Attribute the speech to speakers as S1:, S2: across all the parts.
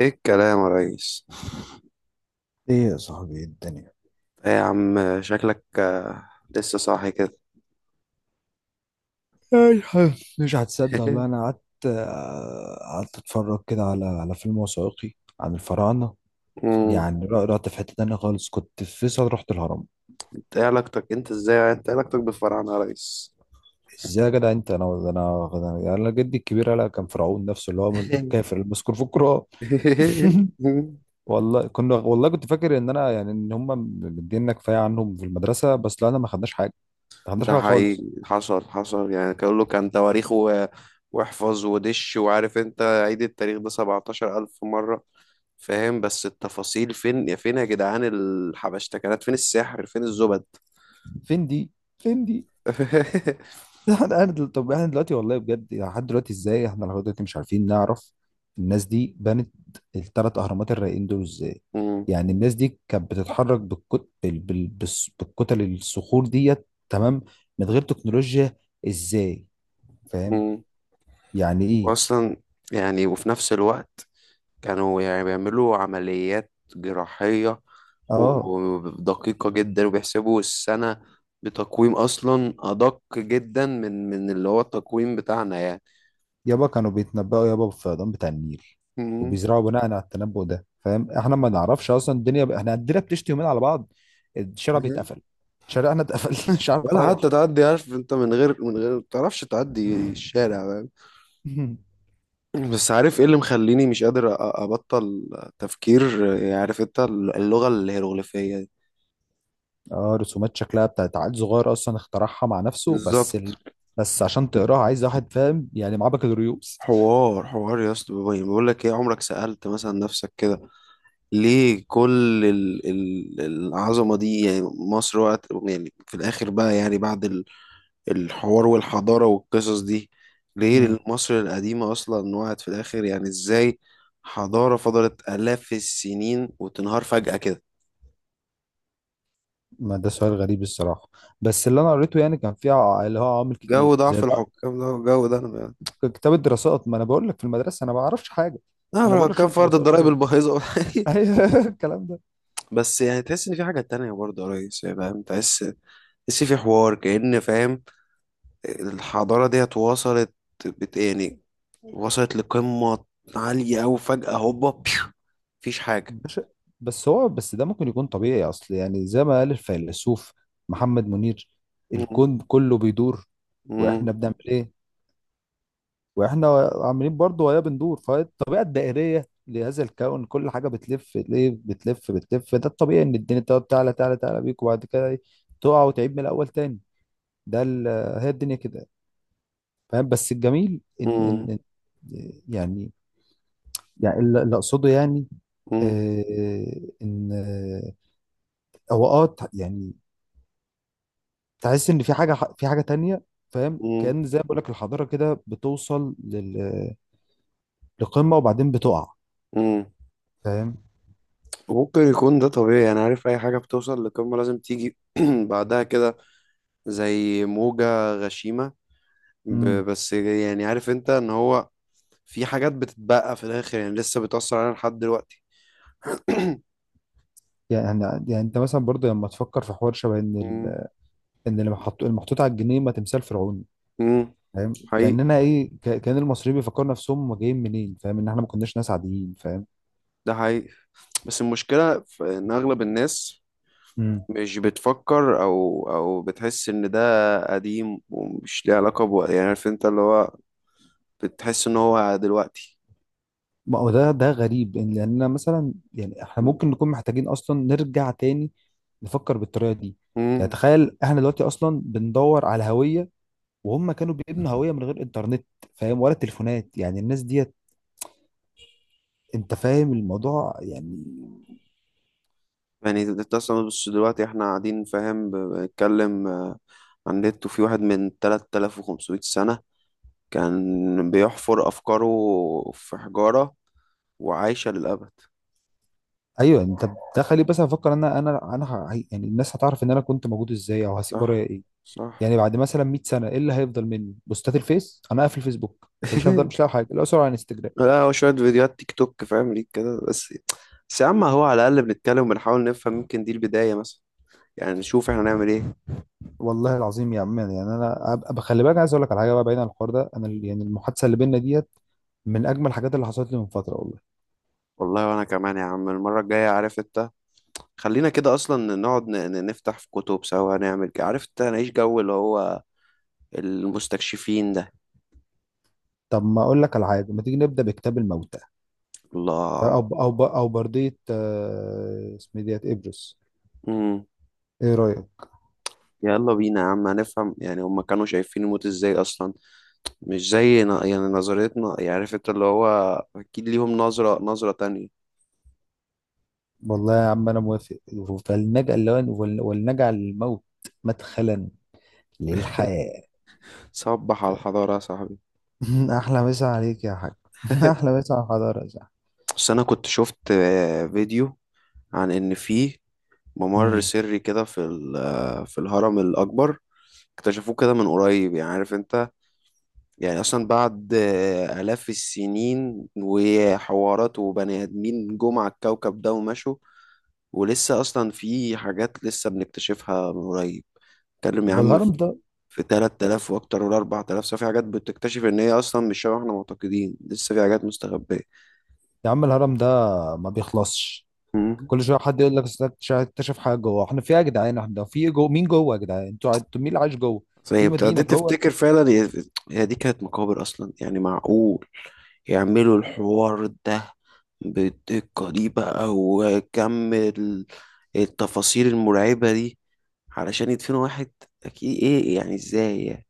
S1: ايه الكلام يا ريس؟
S2: ايه يا صاحبي، إيه الدنيا؟
S1: ايه يا عم شكلك لسه صاحي كده.
S2: اي حاجة. مش هتصدق والله، انا قعدت قعدت اتفرج كده على فيلم وثائقي عن الفراعنه.
S1: مم.
S2: يعني رحت في حته تانية خالص، كنت في فيصل رحت الهرم.
S1: انت ايه علاقتك انت ازاي يعني؟ انت إيه علاقتك بالفراعنة يا ريس؟
S2: ازاي يا جدع انت؟ انا يعني، أنا جدي الكبير قال كان فرعون نفسه اللي هو من الكافر المذكور في القران. والله كنا والله كنت فاكر ان انا يعني ان هم مدينا كفايه عنهم في المدرسه، بس لا، انا ما خدناش حاجه، ما خدناش
S1: ده
S2: حاجه
S1: حقيقي
S2: خالص.
S1: حصل، يعني كان له كان تواريخ و... واحفظ ودش، وعارف انت عيد التاريخ ده 17 ألف مرة، فاهم؟ بس التفاصيل فين؟ يا فين يا جدعان الحبشتكنات؟ فين السحر؟ فين الزبد؟
S2: فين دي؟ فين دي؟ طب احنا دلوقتي والله بجد، يعني لحد دلوقتي ازاي احنا لحد دلوقتي مش عارفين نعرف الناس دي بنت الثلاث اهرامات الرايقين دول ازاي؟
S1: مم.
S2: يعني الناس دي كانت بتتحرك بالكتل الصخور ديت، تمام، من غير تكنولوجيا. ازاي؟ فاهم؟
S1: مم.
S2: يعني ايه؟
S1: واصلا يعني وفي نفس الوقت كانوا يعني بيعملوا عمليات جراحية
S2: اه.
S1: ودقيقة جدا، وبيحسبوا السنة بتقويم أصلا أدق جدا من اللي هو التقويم بتاعنا يعني.
S2: يابا كانوا بيتنبأوا يابا بالفيضان بتاع النيل،
S1: مم.
S2: وبيزرعوا بناء على التنبؤ ده. فاهم؟ احنا ما نعرفش اصلا الدنيا ب... احنا الدنيا بتشتي يومين على بعض الشارع
S1: مم.
S2: بيتقفل. شارعنا اتقفل، مش عارف
S1: ولا حتى
S2: اروح.
S1: تعدي، عارف انت، من غير ما تعرفش تعدي الشارع، فاهم؟ بس عارف ايه اللي مخليني مش قادر ابطل تفكير؟ يعني عارف انت اللغة الهيروغليفية دي.
S2: اه، رسومات شكلها بتاعت عيل صغير اصلا اخترعها مع نفسه،
S1: بالظبط.
S2: بس عشان تقراها عايز واحد فاهم يعني معاه بكالوريوس.
S1: حوار يا اسطى، بقول لك ايه، عمرك سألت مثلا نفسك كده ليه كل العظمة دي؟ يعني مصر وقت يعني في الآخر بقى، يعني بعد الحوار والحضارة والقصص دي، ليه
S2: امم.
S1: مصر القديمة أصلا وقعت في الآخر؟ يعني إزاي حضارة فضلت آلاف السنين وتنهار فجأة كده؟
S2: ما ده سؤال غريب الصراحه، بس اللي انا قريته يعني كان فيه اللي هو عوامل كتير
S1: جو
S2: زي
S1: ضعف
S2: ده.
S1: الحكام ده، جو ده أنا.
S2: كتاب الدراسات، ما انا بقول لك في المدرسه انا ما اعرفش حاجه،
S1: ضعف
S2: انا بقول لك
S1: الحكام
S2: شفت
S1: في أرض
S2: الوثائقي
S1: الضرايب
S2: كده.
S1: البايظة.
S2: ايوه الكلام ده.
S1: بس يعني تحس إن في حاجة تانية برضه يا ريس، يعني فاهم، تحس، تحس في حوار كأن، فاهم، الحضارة ديت وصلت، بت يعني، وصلت لقمة عالية أوي، فجأة هوبا بيو، مفيش حاجة.
S2: باشا، بس ده ممكن يكون طبيعي، اصل يعني زي ما قال الفيلسوف محمد منير،
S1: مم.
S2: الكون كله بيدور. واحنا
S1: مم.
S2: بنعمل ايه؟ واحنا عاملين برضو وهي بندور، فالطبيعه الدائريه لهذا الكون كل حاجه بتلف، ليه بتلف بتلف؟ ده الطبيعي، ان الدنيا تقعد تعلى تعلى تعلى بيك وبعد كده إيه، تقع وتعيد من الاول تاني. ده ال- هي الدنيا كده. فاهم؟ بس الجميل
S1: مم.
S2: يعني، يعني اللي اقصده يعني
S1: مم.
S2: ان هو يعني تحس ان في حاجه، في حاجه تانية. فاهم؟
S1: مم.
S2: كان زي ما بقول لك، الحضاره كده بتوصل لقمه وبعدين بتقع.
S1: مم.
S2: فاهم؟
S1: وممكن يكون ده طبيعي، أنا عارف أي حاجة بتوصل لقمة لازم تيجي بعدها كده زي موجة غشيمة.
S2: مم.
S1: بس يعني عارف أنت إن هو في حاجات بتتبقى في الآخر، يعني لسه بتأثر علينا لحد دلوقتي.
S2: يعني يعني انت مثلا برضه لما تفكر في حوار شبه
S1: مم.
S2: ان اللي محطوط المحطوط على الجنيه ما تمثال فرعوني.
S1: مم.
S2: فاهم؟
S1: حقيقي،
S2: كاننا ايه، كان المصريين بيفكروا نفسهم هم جايين منين. فاهم ان احنا ما كناش ناس عاديين؟ فاهم؟
S1: ده حقيقي. بس المشكلة في إن أغلب الناس
S2: امم.
S1: مش بتفكر أو بتحس إن ده قديم ومش ليه علاقة بوقت، يعني عارف أنت اللي هو بتحس إن هو دلوقتي.
S2: ما هو ده، ده غريب لاننا مثلا يعني احنا ممكن نكون محتاجين اصلا نرجع تاني نفكر بالطريقه دي. يعني
S1: مم.
S2: تخيل احنا دلوقتي اصلا بندور على هويه، وهم كانوا بيبنوا هويه من غير انترنت، فاهم؟ ولا تليفونات، يعني الناس ديت، انت فاهم الموضوع يعني.
S1: يعني أنت أصلا، بس دلوقتي إحنا قاعدين فاهم بنتكلم عن النت، وفي واحد من 3500 سنة كان بيحفر أفكاره في حجارة وعايشة للأبد.
S2: ايوه. انت بتخلي بس افكر ان يعني الناس هتعرف ان انا كنت موجود ازاي، او هسيب
S1: صح،
S2: ورايا ايه.
S1: صح.
S2: يعني بعد مثلا 100 سنه ايه اللي هيفضل مني؟ بوستات الفيس؟ انا قافل فيسبوك، يعني مش هفضل، مش لاقي حاجه، الاقي صوره على انستجرام.
S1: لا، هو شوية فيديوهات تيك توك فاهم ليك كده بس. بس يا عم هو على الأقل بنتكلم وبنحاول نفهم، يمكن دي البداية مثلا، يعني نشوف احنا نعمل ايه.
S2: والله العظيم يا عم، يعني انا خلي بالك، عايز اقول لك على حاجه بقى بعيد عن الحوار ده، انا يعني المحادثه اللي بينا ديت من اجمل الحاجات اللي حصلت لي من فتره، والله.
S1: والله، وأنا كمان يا عم، المرة الجاية عارف انت، خلينا كده أصلا نقعد نفتح في كتب سوا، نعمل كده عارف انت، نعيش جو اللي هو المستكشفين ده.
S2: طب ما اقول لك على حاجه، ما تيجي نبدا بكتاب الموتى؟
S1: الله.
S2: او او برديه، اسمه إيه ديت ابرس؟
S1: امم.
S2: ايه رايك؟
S1: يلا بينا يا عم، هنفهم يعني هما كانوا شايفين الموت ازاي أصلا، مش زي يعني نظرتنا، يعني عارف انت اللي هو أكيد ليهم نظرة تانية.
S2: والله يا عم انا موافق. ولنجعل الموت مدخلا للحياة.
S1: صبح على الحضارة يا صاحبي.
S2: احلى مسا عليك يا حاج. احلى مسا على الحضارة يا صاحبي.
S1: بس انا كنت شفت فيديو عن ان في ممر
S2: مم.
S1: سري كده في في الهرم الاكبر، اكتشفوه كده من قريب، يعني عارف انت، يعني اصلا بعد الاف السنين وحوارات وبني ادمين جم على الكوكب ده ومشوا، ولسه اصلا في حاجات لسه بنكتشفها من قريب. اتكلم يا عم،
S2: والهرم ده،
S1: في 3000 واكتر ولا 4000 سنة، في حاجات بتكتشف ان هي اصلا مش شبه احنا معتقدين، لسه في حاجات مستخبية.
S2: يا عم الهرم ده ما بيخلصش، كل شويه حد يقول لك أصل اكتشف اكتشف حاجه جوه. احنا في ايه يا جدعان؟ احنا في إيه جوه؟ مين جوه يا جدعان؟ انتوا مين اللي عايش جوه
S1: صحيح،
S2: في مدينه
S1: ابتديت
S2: جوه؟
S1: تفتكر فعلا، هي دي كانت مقابر اصلا؟ يعني معقول يعملوا الحوار ده بالدقة دي بقى، وكم التفاصيل المرعبة دي، علشان يدفنوا واحد؟ اكيد ايه يعني، ازاي يعني؟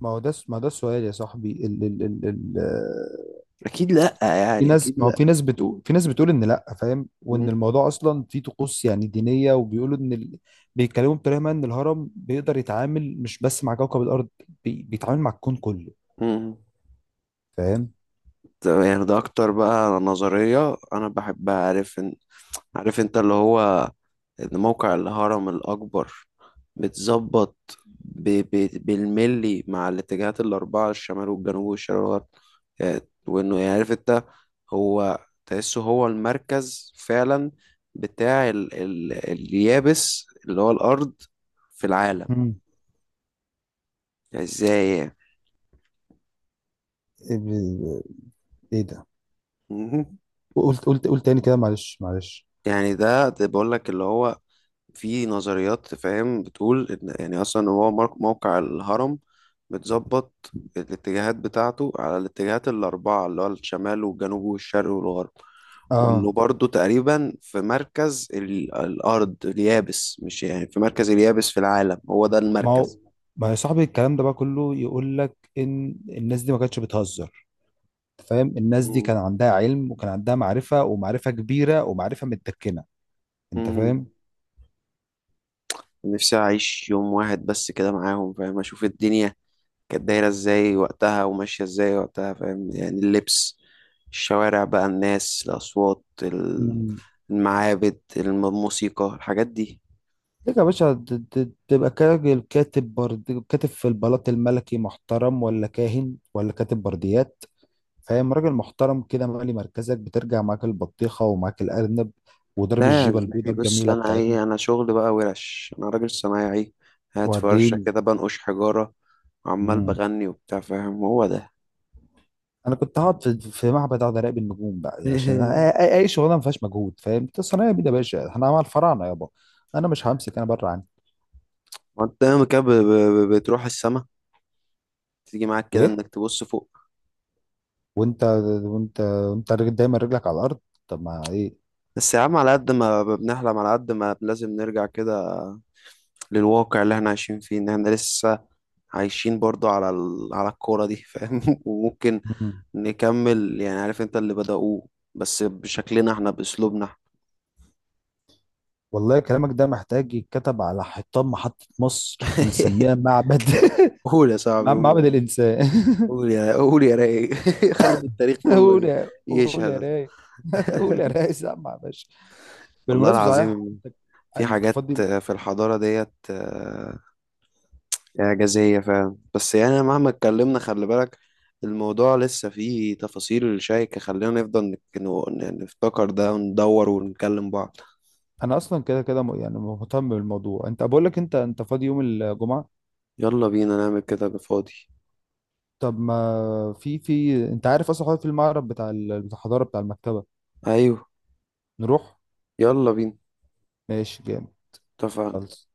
S2: ما هو ده، ما ده السؤال يا صاحبي. ال
S1: اكيد لا،
S2: في
S1: يعني اكيد
S2: ناس، ما هو
S1: لا.
S2: في ناس بتقول، في ناس بتقول ان لا، فاهم، وان
S1: مم.
S2: الموضوع اصلا فيه طقوس يعني دينيه، وبيقولوا بيتكلموا بطريقه ما ان الهرم بيقدر يتعامل مش بس مع كوكب الارض، بيتعامل مع الكون كله.
S1: مم.
S2: فاهم؟
S1: طب يعني ده اكتر بقى نظرية انا بحبها، عارف ان، عارف انت اللي هو، إن موقع الهرم الأكبر بتظبط بالملي مع الاتجاهات الأربعة، الشمال والجنوب والشرق والغرب يعني، وإنه يعني عارف أنت، هو تحسه هو المركز فعلا بتاع اليابس اللي هو الأرض في العالم،
S2: مم.
S1: يعني إزاي يعني؟
S2: ايه ب- إيه ده؟
S1: مهم.
S2: قلت تاني كده، معلش معلش.
S1: يعني ده بقول لك اللي هو في نظريات فاهم بتقول ان يعني اصلا هو موقع الهرم متظبط الاتجاهات بتاعته على الاتجاهات الاربعه اللي هو الشمال والجنوب والشرق والغرب، وانه
S2: اه.
S1: برضه تقريبا في مركز الارض اليابس، مش يعني في مركز اليابس في العالم، هو ده
S2: ما هو
S1: المركز.
S2: ما هو يا صاحبي الكلام ده بقى كله يقول لك ان الناس دي ما كانتش بتهزر، فاهم؟ الناس دي
S1: مم.
S2: كان عندها علم، وكان عندها معرفه، ومعرفه كبيره، ومعرفه متدكنه. انت
S1: مم. نفسي اعيش يوم واحد بس كده معاهم، فاهم اشوف الدنيا كانت دايرة ازاي وقتها وماشية ازاي وقتها، فاهم، يعني اللبس، الشوارع بقى، الناس، الأصوات،
S2: فاهم؟
S1: المعابد، الموسيقى، الحاجات دي.
S2: ليك يا باشا تبقى كراجل كاتب في البلاط الملكي محترم، ولا كاهن، ولا كاتب برديات، فاهم؟ راجل محترم كده مالي مركزك، بترجع معاك البطيخة ومعاك الأرنب وضرب
S1: لا يا
S2: الجيبة البيضة
S1: زميلي، بص
S2: الجميلة
S1: أنا
S2: بتاعتنا.
S1: إيه، أنا شغل بقى ورش، أنا راجل صنايعي قاعد في ورشة
S2: وريني.
S1: كده بنقش حجارة وعمال
S2: مم.
S1: بغني وبتاع، فاهم، هو ده.
S2: أنا كنت هقعد في معبد أقعد أراقب النجوم بقى، عشان أي شغلانة ما فيهاش مجهود. فاهم أنت؟ صنايعي بيه يا باشا، أنا مع الفراعنة يابا. أنا مش همسك، أنا بره عني.
S1: وأنت ياما كده بتروح السما، تيجي معاك كده
S2: وإيه؟
S1: إنك تبص فوق.
S2: وأنت؟ دايما رجلك على الأرض. طب ما
S1: بس يا عم، على قد ما بنحلم، على قد ما لازم نرجع كده للواقع اللي احنا عايشين فيه، ان احنا لسه عايشين برضو على على الكورة دي، فاهم؟ وممكن
S2: إيه.
S1: نكمل يعني عارف انت اللي بدأوه، بس بشكلنا احنا، بأسلوبنا.
S2: والله كلامك ده محتاج يتكتب على حيطان محطة مصر، ونسميها معبد.
S1: قول يا صاحبي
S2: معبد
S1: قول.
S2: الإنسان.
S1: قول يا رايق. خلي التاريخ كله
S2: قول يا قول يا
S1: يشهد.
S2: راي قول يا راي، سامع يا باشا؟
S1: والله
S2: بالمناسبة صحيح،
S1: العظيم
S2: انت،
S1: في
S2: أنت
S1: حاجات
S2: فاضي؟
S1: في الحضارة ديت إعجازية فعلا، بس يعني مهما اتكلمنا خلي بالك الموضوع لسه فيه تفاصيل شائكة، خلينا نفضل نفتكر ده وندور ونكلم بعض.
S2: انا اصلا كده كده يعني مهتم بالموضوع، انت بقول لك، انت فاضي يوم الجمعة؟
S1: يلا بينا نعمل كده بفاضي.
S2: طب ما في، انت عارف اصلا حوار في المعرض بتاع بتاع الحضارة بتاع المكتبة،
S1: ايوه،
S2: نروح؟
S1: يلا بينا.
S2: ماشي جامد.
S1: اتفقنا.
S2: خلص.